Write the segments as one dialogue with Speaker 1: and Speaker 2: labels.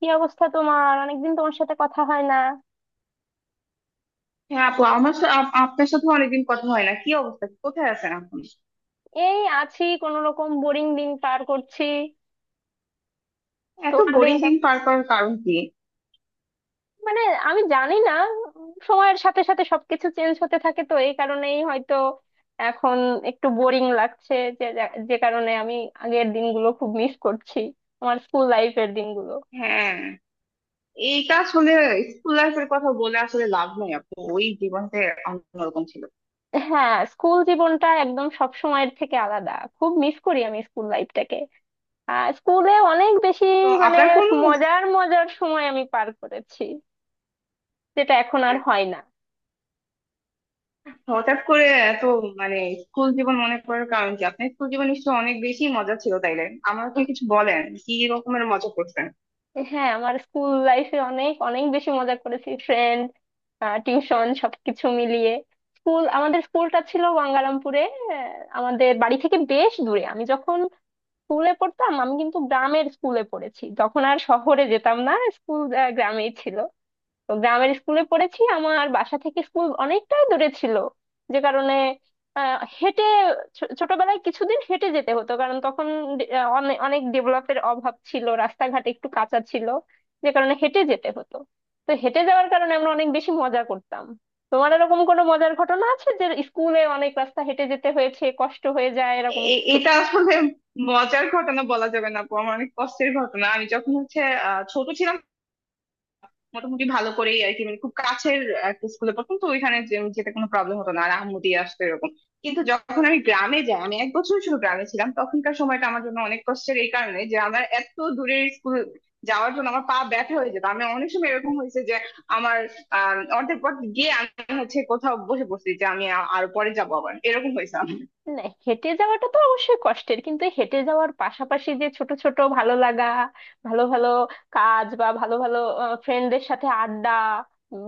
Speaker 1: কি অবস্থা তোমার? অনেকদিন তোমার সাথে কথা হয় না।
Speaker 2: হ্যাঁ আপু, আপনার সাথে অনেকদিন কথা হয় না। কি অবস্থা? কোথায় আছেন আপনি?
Speaker 1: এই আছি কোন রকম, বোরিং দিন পার করছি।
Speaker 2: এত
Speaker 1: তোমার দিন
Speaker 2: বোরিং দিন
Speaker 1: কেমন?
Speaker 2: পার করার কারণ কি?
Speaker 1: মানে, আমি জানি না। সময়ের সাথে সাথে সবকিছু চেঞ্জ হতে থাকে, তো এই কারণেই হয়তো এখন একটু বোরিং লাগছে, যে যে কারণে আমি আগের দিনগুলো খুব মিস করছি, আমার স্কুল লাইফের দিনগুলো।
Speaker 2: হ্যাঁ। এইটা আসলে স্কুল লাইফের কথা বলে আসলে লাভ নাই আপু, ওই জীবনটা অন্যরকম ছিল।
Speaker 1: হ্যাঁ, স্কুল জীবনটা একদম সব সময়ের থেকে আলাদা। খুব মিস করি আমি স্কুল লাইফটাকে। স্কুলে অনেক বেশি,
Speaker 2: তো
Speaker 1: মানে
Speaker 2: আপনার কোন,
Speaker 1: মজার মজার সময় আমি পার করেছি, যেটা এখন আর হয় না।
Speaker 2: হঠাৎ করে এত মানে স্কুল জীবন মনে করার কারণ কি? আপনার স্কুল জীবন নিশ্চয়ই অনেক বেশি মজা ছিল তাইলে, আমাকে
Speaker 1: উহ,
Speaker 2: কিছু বলেন, কি রকমের মজা করতেন?
Speaker 1: হ্যাঁ, আমার স্কুল লাইফে অনেক অনেক বেশি মজা করেছি, ফ্রেন্ড, টিউশন সবকিছু মিলিয়ে। আমাদের স্কুলটা ছিল গঙ্গারামপুরে। আহ, আমাদের বাড়ি থেকে বেশ দূরে। আমি যখন স্কুলে পড়তাম, আমি কিন্তু গ্রামের স্কুলে পড়েছি, যখন আর শহরে যেতাম না, স্কুল গ্রামেই ছিল। তো গ্রামের স্কুলে পড়েছি, আমার বাসা থেকে স্কুল অনেকটাই দূরে ছিল, যে কারণে আহ, হেঁটে ছোটবেলায় কিছুদিন হেঁটে যেতে হতো, কারণ তখন অনেক ডেভেলপের অভাব ছিল, রাস্তাঘাট একটু কাঁচা ছিল, যে কারণে হেঁটে যেতে হতো। তো হেঁটে যাওয়ার কারণে আমরা অনেক বেশি মজা করতাম। তোমার এরকম কোনো মজার ঘটনা আছে, যে স্কুলে অনেক রাস্তা হেঁটে যেতে হয়েছে, কষ্ট হয়ে যায় এরকম কিছু?
Speaker 2: এটা আসলে মজার ঘটনা বলা যাবে না আপু, আমার অনেক কষ্টের ঘটনা। আমি যখন ছোট ছিলাম, মোটামুটি ভালো করেই আর কি, মানে খুব কাছের একটা স্কুলে পড়তাম, তো ওইখানে যেতে কোনো প্রবলেম হতো না, আর আম্মু দিয়ে আসতো এরকম। কিন্তু যখন আমি গ্রামে যাই, আমি এক বছর শুধু গ্রামে ছিলাম, তখনকার সময়টা আমার জন্য অনেক কষ্টের। এই কারণে যে আমার এত দূরের স্কুল যাওয়ার জন্য আমার পা ব্যথা হয়ে যেত। আমি অনেক সময় এরকম হয়েছে যে আমার অর্ধেক পথ গিয়ে আমি হচ্ছে কোথাও বসে পড়ছি, যে আমি আর পরে যাবো, আবার এরকম হয়েছে আমার।
Speaker 1: না, হেঁটে যাওয়াটা তো অবশ্যই কষ্টের, কিন্তু এই হেঁটে যাওয়ার পাশাপাশি যে ছোট ছোট ভালো লাগা, ভালো ভালো কাজ বা ভালো ভালো ফ্রেন্ডদের সাথে আড্ডা,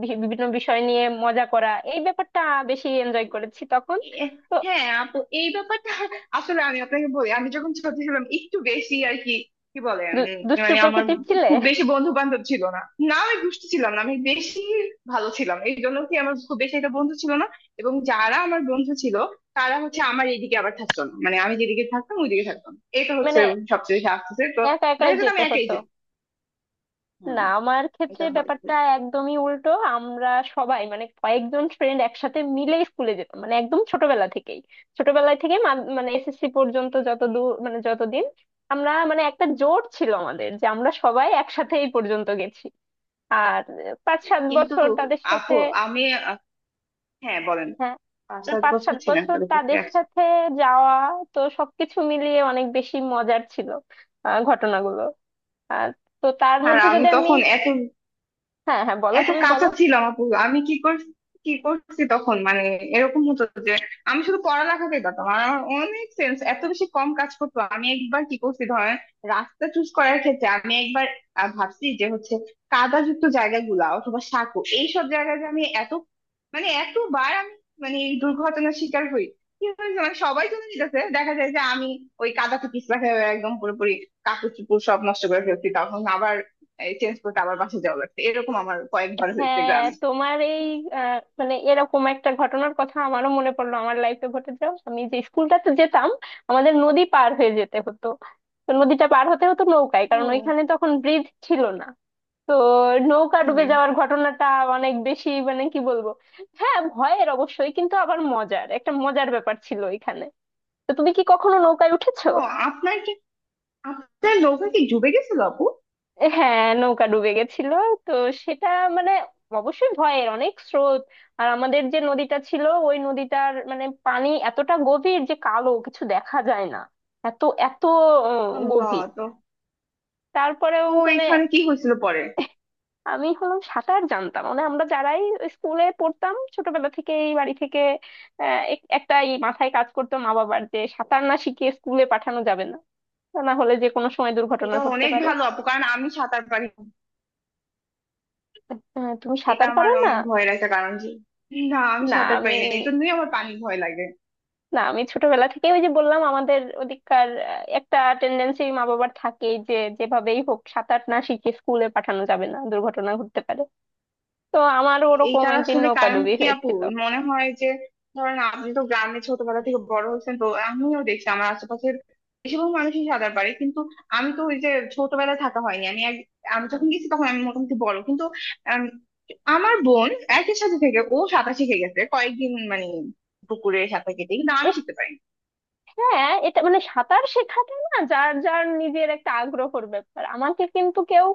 Speaker 1: বিভিন্ন বিষয় নিয়ে মজা করা, এই ব্যাপারটা বেশি এনজয় করেছি তখন।
Speaker 2: এ-
Speaker 1: তো
Speaker 2: হ্যাঁ আপু, এই ব্যাপারটা আসলে আমি আপনাকে বলি, আমি যখন ছোট ছিলাম একটু বেশি আর কি, কি বলেন?
Speaker 1: দুষ্টু
Speaker 2: মানে আমার
Speaker 1: প্রকৃতির ছিলে?
Speaker 2: খুব বেশি বন্ধু বান্ধব ছিল না। না, আমি দুষ্টু ছিলাম না, আমি বেশি ভালো ছিলাম, এই জন্য কি আমার খুব বেশি একটা বন্ধু ছিল না। এবং যারা আমার বন্ধু ছিল তারা হচ্ছে আমার এইদিকে আবার থাকতো না, মানে আমি যেদিকে থাকতাম ওইদিকে থাকতাম। এটা হচ্ছে
Speaker 1: মানে
Speaker 2: সবচেয়ে বেশি আসতেছে তো,
Speaker 1: একা একাই
Speaker 2: দেখা যেত আমি
Speaker 1: যেতে
Speaker 2: একাই
Speaker 1: হতো?
Speaker 2: যেতাম।
Speaker 1: না,
Speaker 2: হম।
Speaker 1: আমার ক্ষেত্রে
Speaker 2: এটা হয়।
Speaker 1: ব্যাপারটা একদমই উল্টো। আমরা সবাই, মানে কয়েকজন ফ্রেন্ড একসাথে মিলে স্কুলে যেতাম, মানে একদম ছোটবেলা থেকেই। ছোটবেলা থেকে মানে এসএসসি পর্যন্ত যত দূর, মানে যতদিন আমরা, মানে একটা জোট ছিল আমাদের, যে আমরা সবাই একসাথে এই পর্যন্ত গেছি। আর পাঁচ সাত
Speaker 2: কিন্তু
Speaker 1: বছর তাদের সাথে।
Speaker 2: আপু আমি আহ, হ্যাঁ বলেন।
Speaker 1: হ্যাঁ।
Speaker 2: পাঁচ
Speaker 1: না,
Speaker 2: সাত
Speaker 1: পাঁচ
Speaker 2: বছর
Speaker 1: সাত
Speaker 2: ছিলাম
Speaker 1: বছর
Speaker 2: তাদের পক্ষে।
Speaker 1: তাদের সাথে যাওয়া, তো সবকিছু মিলিয়ে অনেক বেশি মজার ছিল ঘটনাগুলো। আর তো তার
Speaker 2: আর
Speaker 1: মধ্যে
Speaker 2: আমি
Speaker 1: যদি আমি...
Speaker 2: তখন এত
Speaker 1: হ্যাঁ, হ্যাঁ, বলো,
Speaker 2: এত
Speaker 1: তুমি
Speaker 2: কাঁচা
Speaker 1: বলো।
Speaker 2: ছিলাম আপু, আমি কি করছি, কি করছি তখন, মানে এরকম হতো যে আমি শুধু পড়ালেখাতেই পারতাম, আর আমার অনেক সেন্স এত বেশি কম কাজ করতো। আমি একবার কি করছি ধরেন, রাস্তা চুজ করার ক্ষেত্রে আমি একবার ভাবছি যে হচ্ছে কাদাযুক্ত জায়গাগুলা অথবা সাঁকো, এইসব জায়গায় যে আমি এত, মানে এতবার আমি মানে এই দুর্ঘটনার শিকার হই। কি হয়েছে মানে সবাই চলে যেতেছে, দেখা যায় যে আমি ওই কাদাতে পিছলা খেয়ে একদম পুরোপুরি কাপড় চোপড় সব নষ্ট করে ফেলছি, তখন আবার চেঞ্জ করতে আবার বাসা যাওয়া লাগছে, এরকম আমার কয়েকবার হয়েছে
Speaker 1: হ্যাঁ,
Speaker 2: গ্রামে।
Speaker 1: তোমার এই মানে এরকম একটা ঘটনার কথা আমারও মনে পড়লো আমার লাইফে ঘটে যাও। আমি যে স্কুলটাতে যেতাম, আমাদের নদী পার হয়ে যেতে হতো। তো নদীটা পার হতে হতো নৌকায়, কারণ
Speaker 2: ও।
Speaker 1: ওইখানে তখন ব্রিজ ছিল না। তো নৌকা
Speaker 2: হুম।
Speaker 1: ডুবে যাওয়ার ঘটনাটা অনেক বেশি, মানে কি বলবো, হ্যাঁ ভয়ের অবশ্যই, কিন্তু আবার একটা মজার ব্যাপার ছিল ওইখানে। তো তুমি কি কখনো নৌকায় উঠেছো?
Speaker 2: ও, আপনার কি, আপনার নৌকা কি ডুবে গেছিল আপু?
Speaker 1: হ্যাঁ, নৌকা ডুবে গেছিল। তো সেটা মানে অবশ্যই ভয়ের, অনেক স্রোত। আর আমাদের যে নদীটা ছিল, ওই নদীটার মানে পানি এতটা গভীর যে কালো, কিছু দেখা যায় না, এত এত
Speaker 2: আল্লাহ।
Speaker 1: গভীর।
Speaker 2: তো
Speaker 1: তারপরেও
Speaker 2: তো
Speaker 1: মানে
Speaker 2: এখানে কি হয়েছিল পরে?
Speaker 1: আমি হলাম সাঁতার জানতাম, মানে আমরা যারাই স্কুলে পড়তাম ছোটবেলা থেকেই, বাড়ি থেকে একটা এই মাথায় কাজ করতো মা বাবার, যে সাঁতার না শিখিয়ে স্কুলে পাঠানো যাবে না, তা না হলে যে কোনো সময় দুর্ঘটনা
Speaker 2: এটা
Speaker 1: ঘটতে
Speaker 2: অনেক
Speaker 1: পারে।
Speaker 2: ভালো আপু, কারণ আমি সাঁতার পারি না।
Speaker 1: তুমি
Speaker 2: এটা
Speaker 1: সাঁতার পারো
Speaker 2: আমার
Speaker 1: না?
Speaker 2: অনেক ভয়ের একটা কারণ যে, না আমি
Speaker 1: না,
Speaker 2: সাঁতার
Speaker 1: আমি...
Speaker 2: পারি না, এই জন্যই আমার পানি ভয় লাগে।
Speaker 1: না, আমি ছোটবেলা থেকে ওই যে বললাম, আমাদের ওদিককার একটা টেন্ডেন্সি মা বাবার থাকেই, যে যেভাবেই হোক সাঁতার না শিখে স্কুলে পাঠানো যাবে না, দুর্ঘটনা ঘটতে পারে। তো আমার ওরকম
Speaker 2: এইটার
Speaker 1: একদিন
Speaker 2: আসলে কারণ
Speaker 1: নৌকাডুবি
Speaker 2: কি আপু?
Speaker 1: হয়েছিল।
Speaker 2: মনে হয় যে ধরেন আপনি তো গ্রামে ছোটবেলা থেকে বড় হয়েছেন, তো আমিও দেখছি আমার আশেপাশের বেশিরভাগ মানুষই সাঁতার পারে, কিন্তু আমি তো ওই যে ছোটবেলায় থাকা হয়নি, আমি আমি যখন গেছি তখন আমি মোটামুটি বড় কিন্তু, আম, আমার বোন একই সাথে থেকে ও সাঁতার শিখে গেছে কয়েকদিন মানে পুকুরে সাঁতার কেটে, কিন্তু আমি শিখতে পারিনি।
Speaker 1: হ্যাঁ, এটা মানে সাঁতার শেখাটা না, যার যার নিজের একটা আগ্রহের ব্যাপার। আমাকে কিন্তু কেউ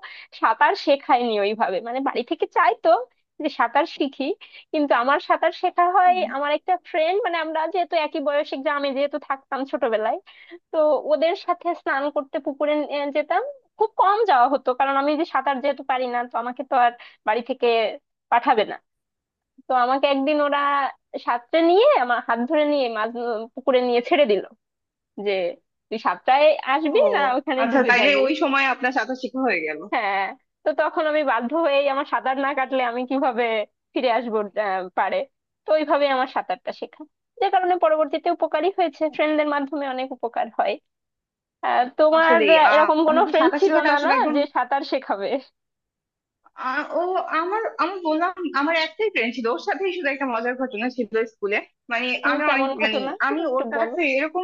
Speaker 1: সাঁতার শেখায়নি ওইভাবে, মানে বাড়ি থেকে চাইতো যে সাঁতার শিখি, কিন্তু আমার সাঁতার শেখা হয়
Speaker 2: হুম।
Speaker 1: আমার একটা ফ্রেন্ড, মানে আমরা যেহেতু একই বয়সে গ্রামে যেহেতু থাকতাম ছোটবেলায়। তো ওদের সাথে স্নান করতে পুকুরে যেতাম। খুব কম যাওয়া হতো, কারণ আমি যে সাঁতার যেহেতু পারি না, তো আমাকে তো আর বাড়ি থেকে পাঠাবে না। তো আমাকে একদিন ওরা সাঁতরে নিয়ে, আমার হাত ধরে নিয়ে মাঝ পুকুরে নিয়ে ছেড়ে দিল, যে তুই সাতটায়
Speaker 2: ও,
Speaker 1: আসবি না, ওখানে
Speaker 2: আচ্ছা
Speaker 1: ডুবে
Speaker 2: তাইলে
Speaker 1: যাবি।
Speaker 2: ওই সময় আপনার সাঁতার শেখা হয়ে গেল।
Speaker 1: হ্যাঁ। তো তখন আমি বাধ্য হয়েই, আমার সাঁতার না কাটলে আমি কিভাবে ফিরে আসবো পারে। তো ওইভাবে আমার সাঁতারটা শেখা, যে কারণে পরবর্তীতে উপকারী হয়েছে, ফ্রেন্ডদের মাধ্যমে অনেক উপকার হয়। তোমার
Speaker 2: আসলে
Speaker 1: এরকম কোনো
Speaker 2: আমাদের
Speaker 1: ফ্রেন্ড
Speaker 2: সাঁতার
Speaker 1: ছিল
Speaker 2: শেখাটা
Speaker 1: না, না
Speaker 2: আসলে একদম
Speaker 1: যে সাঁতার শেখাবে?
Speaker 2: ও আমার, আমি বললাম আমার একটাই ফ্রেন্ড ছিল, ওর সাথেই শুধু একটা মজার ঘটনা ছিল স্কুলে। মানে আমি অনেক
Speaker 1: কেমন
Speaker 2: মানে
Speaker 1: ঘটনা?
Speaker 2: আমি
Speaker 1: একটু
Speaker 2: ওর
Speaker 1: বলো।
Speaker 2: কাছে এরকম,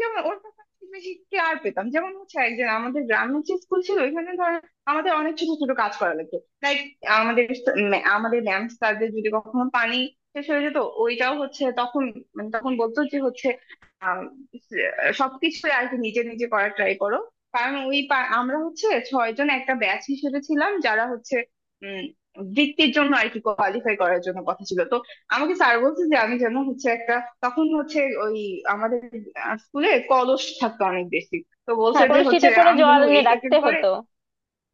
Speaker 2: যেমন ওর ব্যাপারে খুব বেশি কেয়ার পেতাম। যেমন হচ্ছে একজন আমাদের গ্রামের যে স্কুল ছিল ওইখানে ধর, আমাদের অনেক ছোট ছোট কাজ করা লাগতো, লাইক আমাদের আমাদের ম্যাম স্যারদের যদি কখনো পানি শেষ হয়ে যেত, ওইটাও হচ্ছে তখন, মানে তখন বলতো যে হচ্ছে আম, স- সবকিছু আর কি নিজে নিজে করার ট্রাই করো, কারণ ওই আমরা হচ্ছে ছয়জন একটা ব্যাচ হিসেবে ছিলাম যারা হচ্ছে উম বৃত্তির জন্য আর কি কোয়ালিফাই করার জন্য, কথা ছিল তো আমাকে স্যার বলছে যে আমি যেন হচ্ছে একটা, তখন হচ্ছে ওই আমাদের স্কুলে কলস থাকতো অনেক বেশি, তো বলছে
Speaker 1: হ্যাঁ,
Speaker 2: যে হচ্ছে
Speaker 1: কলসিতে করে
Speaker 2: আমি যেন
Speaker 1: জল এনে
Speaker 2: এইটাকে
Speaker 1: রাখতে
Speaker 2: করে।
Speaker 1: হতো।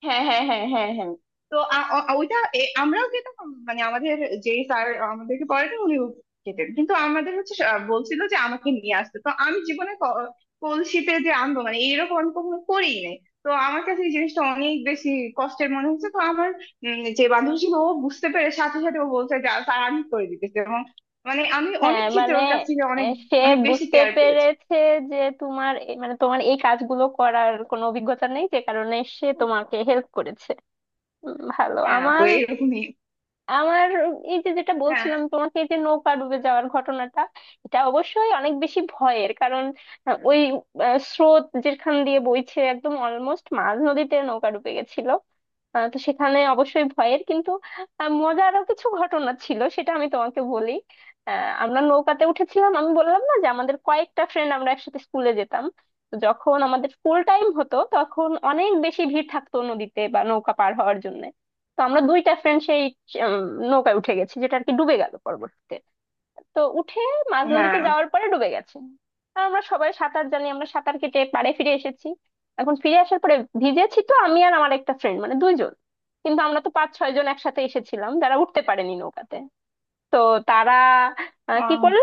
Speaker 2: হ্যাঁ হ্যাঁ হ্যাঁ হ্যাঁ হ্যাঁ। তো ওইটা এ, আমরাও খেতাম, মানে আমাদের যে স্যার আমাদেরকে পড়াতেন উনি খেতেন, কিন্তু আমাদের হচ্ছে বলছিল যে আমাকে নিয়ে আসতে, তো আমি জীবনে কলসিতে যে আনবো মানে এইরকম আমি কখনো করেই নাই, তো আমার কাছে এই জিনিসটা অনেক বেশি কষ্টের মনে হচ্ছে। তো আমার যে বান্ধবী ছিল ও বুঝতে পেরে সাথে সাথে ও বলছে যে স্যার আমি করে দিতেছি, এবং মানে আমি
Speaker 1: হ্যাঁ
Speaker 2: অনেক ক্ষেত্রে
Speaker 1: মানে
Speaker 2: ওর কাছ থেকে অনেক
Speaker 1: সে
Speaker 2: অনেক বেশি
Speaker 1: বুঝতে
Speaker 2: কেয়ার পেয়েছি।
Speaker 1: পেরেছে, যে তোমার মানে তোমার এই কাজগুলো করার কোনো অভিজ্ঞতা নেই, যে কারণে সে তোমাকে হেল্প করেছে। ভালো।
Speaker 2: হ্যাঁ আপু
Speaker 1: আমার
Speaker 2: এইরকমই।
Speaker 1: আমার এই যে যেটা
Speaker 2: হ্যাঁ।
Speaker 1: বলছিলাম তোমাকে, এই যে নৌকা ডুবে যাওয়ার ঘটনাটা, এটা অবশ্যই অনেক বেশি ভয়ের, কারণ আহ, ওই স্রোত যেখান দিয়ে বইছে একদম অলমোস্ট মাঝ নদীতে নৌকা ডুবে গেছিল। তো সেখানে অবশ্যই ভয়ের, কিন্তু মজারও কিছু ঘটনা ছিল, সেটা আমি তোমাকে বলি। আমরা নৌকাতে উঠেছিলাম, আমি বললাম না যে আমাদের কয়েকটা ফ্রেন্ড আমরা একসাথে স্কুলে যেতাম। তো যখন আমাদের স্কুল টাইম হতো, তখন অনেক বেশি ভিড় থাকতো নদীতে বা নৌকা পার হওয়ার জন্য। তো আমরা দুইটা ফ্রেন্ড সেই উম, নৌকায় উঠে গেছি, যেটা আর কি ডুবে গেল পরবর্তীতে। তো উঠে মাঝ নদীতে
Speaker 2: হ্যাঁ।
Speaker 1: যাওয়ার পরে ডুবে গেছে। আর আমরা সবাই সাঁতার জানি, আমরা সাঁতার কেটে পাড়ে ফিরে এসেছি। এখন ফিরে আসার পরে ভিজেছি তো আমি আর আমার একটা ফ্রেন্ড, মানে দুইজন। কিন্তু আমরা তো পাঁচ ছয় জন একসাথে এসেছিলাম, যারা উঠতে পারেনি নৌকাতে, তো তারা কি
Speaker 2: ও।
Speaker 1: করলো,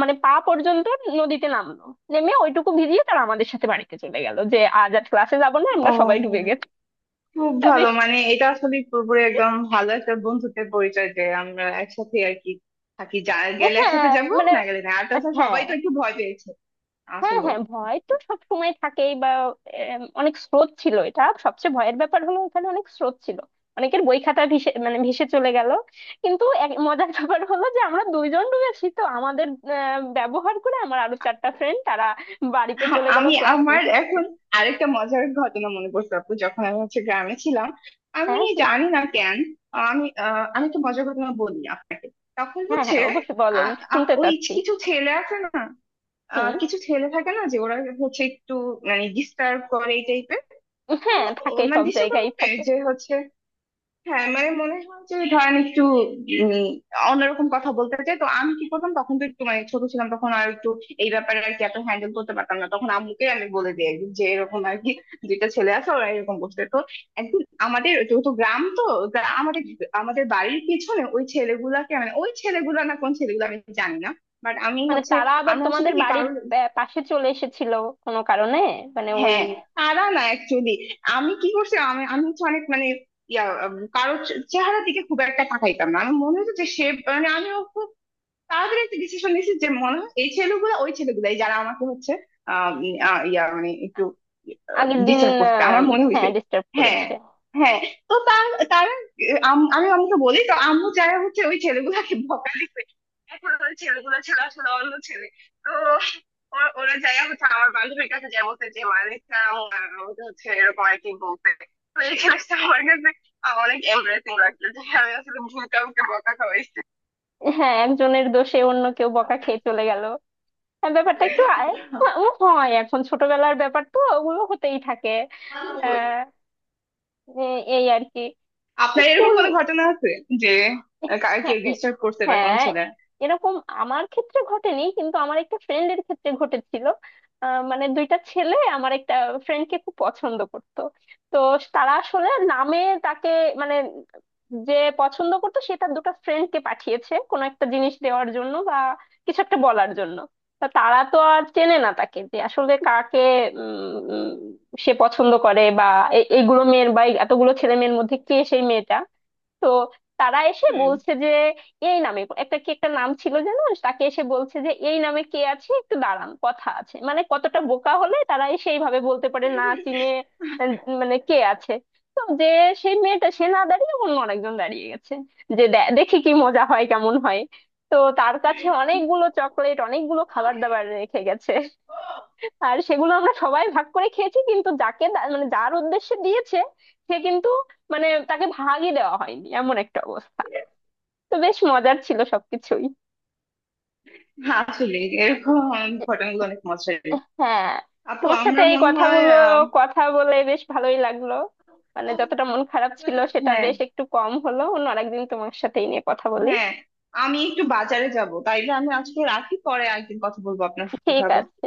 Speaker 1: মানে পা পর্যন্ত নদীতে নামলো। নেমে ওইটুকু ভিজিয়ে তারা আমাদের সাথে বাড়িতে চলে গেল, যে আজ আর ক্লাসে যাবো না, আমরা
Speaker 2: ও,
Speaker 1: সবাই ডুবে গেছি।
Speaker 2: খুব
Speaker 1: তা
Speaker 2: ভালো,
Speaker 1: বেশ।
Speaker 2: মানে এটা আসলে পুরোপুরি একদম ভালো একটা বন্ধুত্বের পরিচয় যে আমরা একসাথে আর কি থাকি, যা গেলে একসাথে,
Speaker 1: হ্যাঁ
Speaker 2: যাবো
Speaker 1: মানে,
Speaker 2: না গেলে না। আর তাছাড়া
Speaker 1: হ্যাঁ,
Speaker 2: সবাই তো একটু ভয় পেয়েছে
Speaker 1: হ্যাঁ,
Speaker 2: আসলে।
Speaker 1: হ্যাঁ, ভয় তো সব সময় থাকেই বা... অনেক স্রোত ছিল, এটা সবচেয়ে ভয়ের ব্যাপার হলো, এখানে অনেক স্রোত ছিল। অনেকের বই খাতা ভেসে, মানে ভেসে চলে গেল। কিন্তু এক মজার ব্যাপার হলো, যে আমরা দুইজন ডুবেছি তো আমাদের ব্যবহার করে আমার আরো চারটা ফ্রেন্ড তারা বাড়িতে চলে গেল,
Speaker 2: আমি
Speaker 1: ক্লাস
Speaker 2: আমার
Speaker 1: মিস।
Speaker 2: এখন আরেকটা মজার ঘটনা মনে পড়ছে আপু, যখন আমি হচ্ছে গ্রামে ছিলাম। আমি
Speaker 1: হ্যাঁ, কি?
Speaker 2: জানি না কেন, আমি আমি একটা মজার ঘটনা বলি তখন
Speaker 1: হ্যাঁ,
Speaker 2: হচ্ছে
Speaker 1: হ্যাঁ, অবশ্যই বলো, আমি শুনতে
Speaker 2: ওই,
Speaker 1: চাচ্ছি।
Speaker 2: কিছু ছেলে আছে না,
Speaker 1: হুম।
Speaker 2: কিছু ছেলে থাকে না যে ওরা হচ্ছে একটু মানে ডিস্টার্ব করে এই টাইপের। তো
Speaker 1: হ্যাঁ, থাকে,
Speaker 2: ও- মানে
Speaker 1: সব
Speaker 2: ডিস্টার্ব
Speaker 1: জায়গায়
Speaker 2: করবে
Speaker 1: থাকে।
Speaker 2: যে হচ্ছে, হ্যাঁ মানে মনে হয় যে ধরেন একটু উম, অন্যরকম কথা বলতে চাই। তো আমি কি করতাম, তখন তো একটু মানে ছোট ছিলাম তখন, আর একটু এই ব্যাপারে আর কি এত হ্যান্ডেল করতে পারতাম না, তখন আম্মুকে আমি বলে দিই একদিন যে এরকম আর কি দুইটা ছেলে আছে ওরা এরকম করছে। তো একদিন আমাদের যেহেতু গ্রাম তো, আমাদের আমাদের বাড়ির পিছনে ওই ছেলেগুলাকে, মানে ওই ছেলেগুলা না কোন ছেলেগুলো আমি জানি না, বাট আমি
Speaker 1: মানে
Speaker 2: হচ্ছে
Speaker 1: তারা আবার
Speaker 2: আমি আসলে
Speaker 1: তোমাদের
Speaker 2: কি
Speaker 1: বাড়ির
Speaker 2: কারোর,
Speaker 1: পাশে চলে এসেছিল কোনো কারণে, মানে ওই
Speaker 2: হ্যাঁ তারা না অ্যাকচুয়ালি, আমি কি করছি আমি আমি হচ্ছে অনেক মানে ইয়া কারো চেহারার দিকে খুব একটা তাকাইতাম না, আমার মনে হতো যে সে, মানে আমি তাড়াতাড়ি একটা ডিসিশন নিয়েছি যে মনে হয় এই ছেলেগুলো ওই ছেলেগুলাই যারা আমাকে হচ্ছে ইয়া মানে একটু
Speaker 1: আগের দিন
Speaker 2: ডিস্টার্ব করছে, আমার মনে
Speaker 1: হ্যাঁ,
Speaker 2: হয়েছে।
Speaker 1: ডিস্টার্ব
Speaker 2: হ্যাঁ।
Speaker 1: করেছে।
Speaker 2: হ্যাঁ। তো তার, তারা আমি আম্মুকে বলি, তো আম্মু যারা হচ্ছে ওই ছেলেগুলাকে বকা দিচ্ছে, এখন ওই ছেলেগুলো ছিল আসলে অন্য ছেলে। তো ওরা ওরা যাইয়া হচ্ছে আমার বান্ধবীর কাছে যাই বলছে যে মালিকটা আমাকে হচ্ছে এরকম আর কি বলতে। তো এই জিনিসটা আমার কাছে অনেক এমব্রেসিং লাগছে যে আমি আসলে ভুল কাউকে বকা
Speaker 1: হ্যাঁ, একজনের দোষে অন্য কেউ বকা খেয়ে চলে গেল। হ্যাঁ, ব্যাপারটা একটু ও হয়, এখন ছোটবেলার ব্যাপার তো, ওগুলো হতেই থাকে।
Speaker 2: খাওয়াইছি।
Speaker 1: আহ এই আর কি।
Speaker 2: আপনার এরকম
Speaker 1: স্কুল।
Speaker 2: কোনো ঘটনা আছে যে কার
Speaker 1: হ্যাঁ,
Speaker 2: কেউ ডিস্টার্ব করছে বা কোনো
Speaker 1: হ্যাঁ,
Speaker 2: ছেলে?
Speaker 1: এরকম আমার ক্ষেত্রে ঘটেনি, কিন্তু আমার একটা ফ্রেন্ডের ক্ষেত্রে ঘটেছিল। মানে দুইটা ছেলে আমার একটা ফ্রেন্ডকে খুব পছন্দ করতো। তো তারা আসলে নামে তাকে, মানে যে পছন্দ করতো সে তার দুটো ফ্রেন্ডকে পাঠিয়েছে কোনো একটা জিনিস দেওয়ার জন্য বা কিছু একটা বলার জন্য। তা তারা তো আর চেনে না তাকে, যে আসলে কাকে উম, উম, সে পছন্দ করে, বা এইগুলো মেয়ের, বা এতগুলো ছেলে মেয়ের মধ্যে কে সেই মেয়েটা। তো তারা এসে
Speaker 2: হুম।
Speaker 1: বলছে যে এই নামে, একটা কি একটা নাম ছিল যেন, তাকে এসে বলছে যে এই নামে কে আছে, একটু দাঁড়ান, কথা আছে। মানে কতটা বোকা হলে তারা এসে এইভাবে বলতে পারে না চিনে, আহ, মানে কে আছে। তো যে সেই মেয়েটা সে না দাঁড়িয়ে অন্য আরেকজন দাঁড়িয়ে গেছে, যে দেখি কি মজা হয়, কেমন হয়। তো তার কাছে অনেকগুলো চকলেট, অনেকগুলো খাবার দাবার রেখে গেছে। আর সেগুলো আমরা সবাই ভাগ করে খেয়েছি, কিন্তু যাকে মানে যার উদ্দেশ্যে দিয়েছে সে কিন্তু, মানে তাকে ভাগই দেওয়া হয়নি, এমন একটা অবস্থা। তো বেশ মজার ছিল সবকিছুই।
Speaker 2: হ্যাঁ আসলে এরকম ঘটনাগুলো অনেক মজার।
Speaker 1: হ্যাঁ,
Speaker 2: আপু
Speaker 1: তোমার সাথে
Speaker 2: আমরা
Speaker 1: এই
Speaker 2: মনে হয়
Speaker 1: কথাগুলো,
Speaker 2: আহ,
Speaker 1: কথা বলে বেশ ভালোই লাগলো। মানে যতটা মন খারাপ ছিল সেটা
Speaker 2: হ্যাঁ।
Speaker 1: বেশ একটু কম হলো। অন্য আরেকদিন তোমার সাথে এই নিয়ে কথা বলি।
Speaker 2: হ্যাঁ। আমি একটু বাজারে যাব, তাইলে আমি আজকে রাখি, পরে একদিন কথা বলবো আপনার সাথে।
Speaker 1: ঠিক
Speaker 2: ভাবো।
Speaker 1: আছে।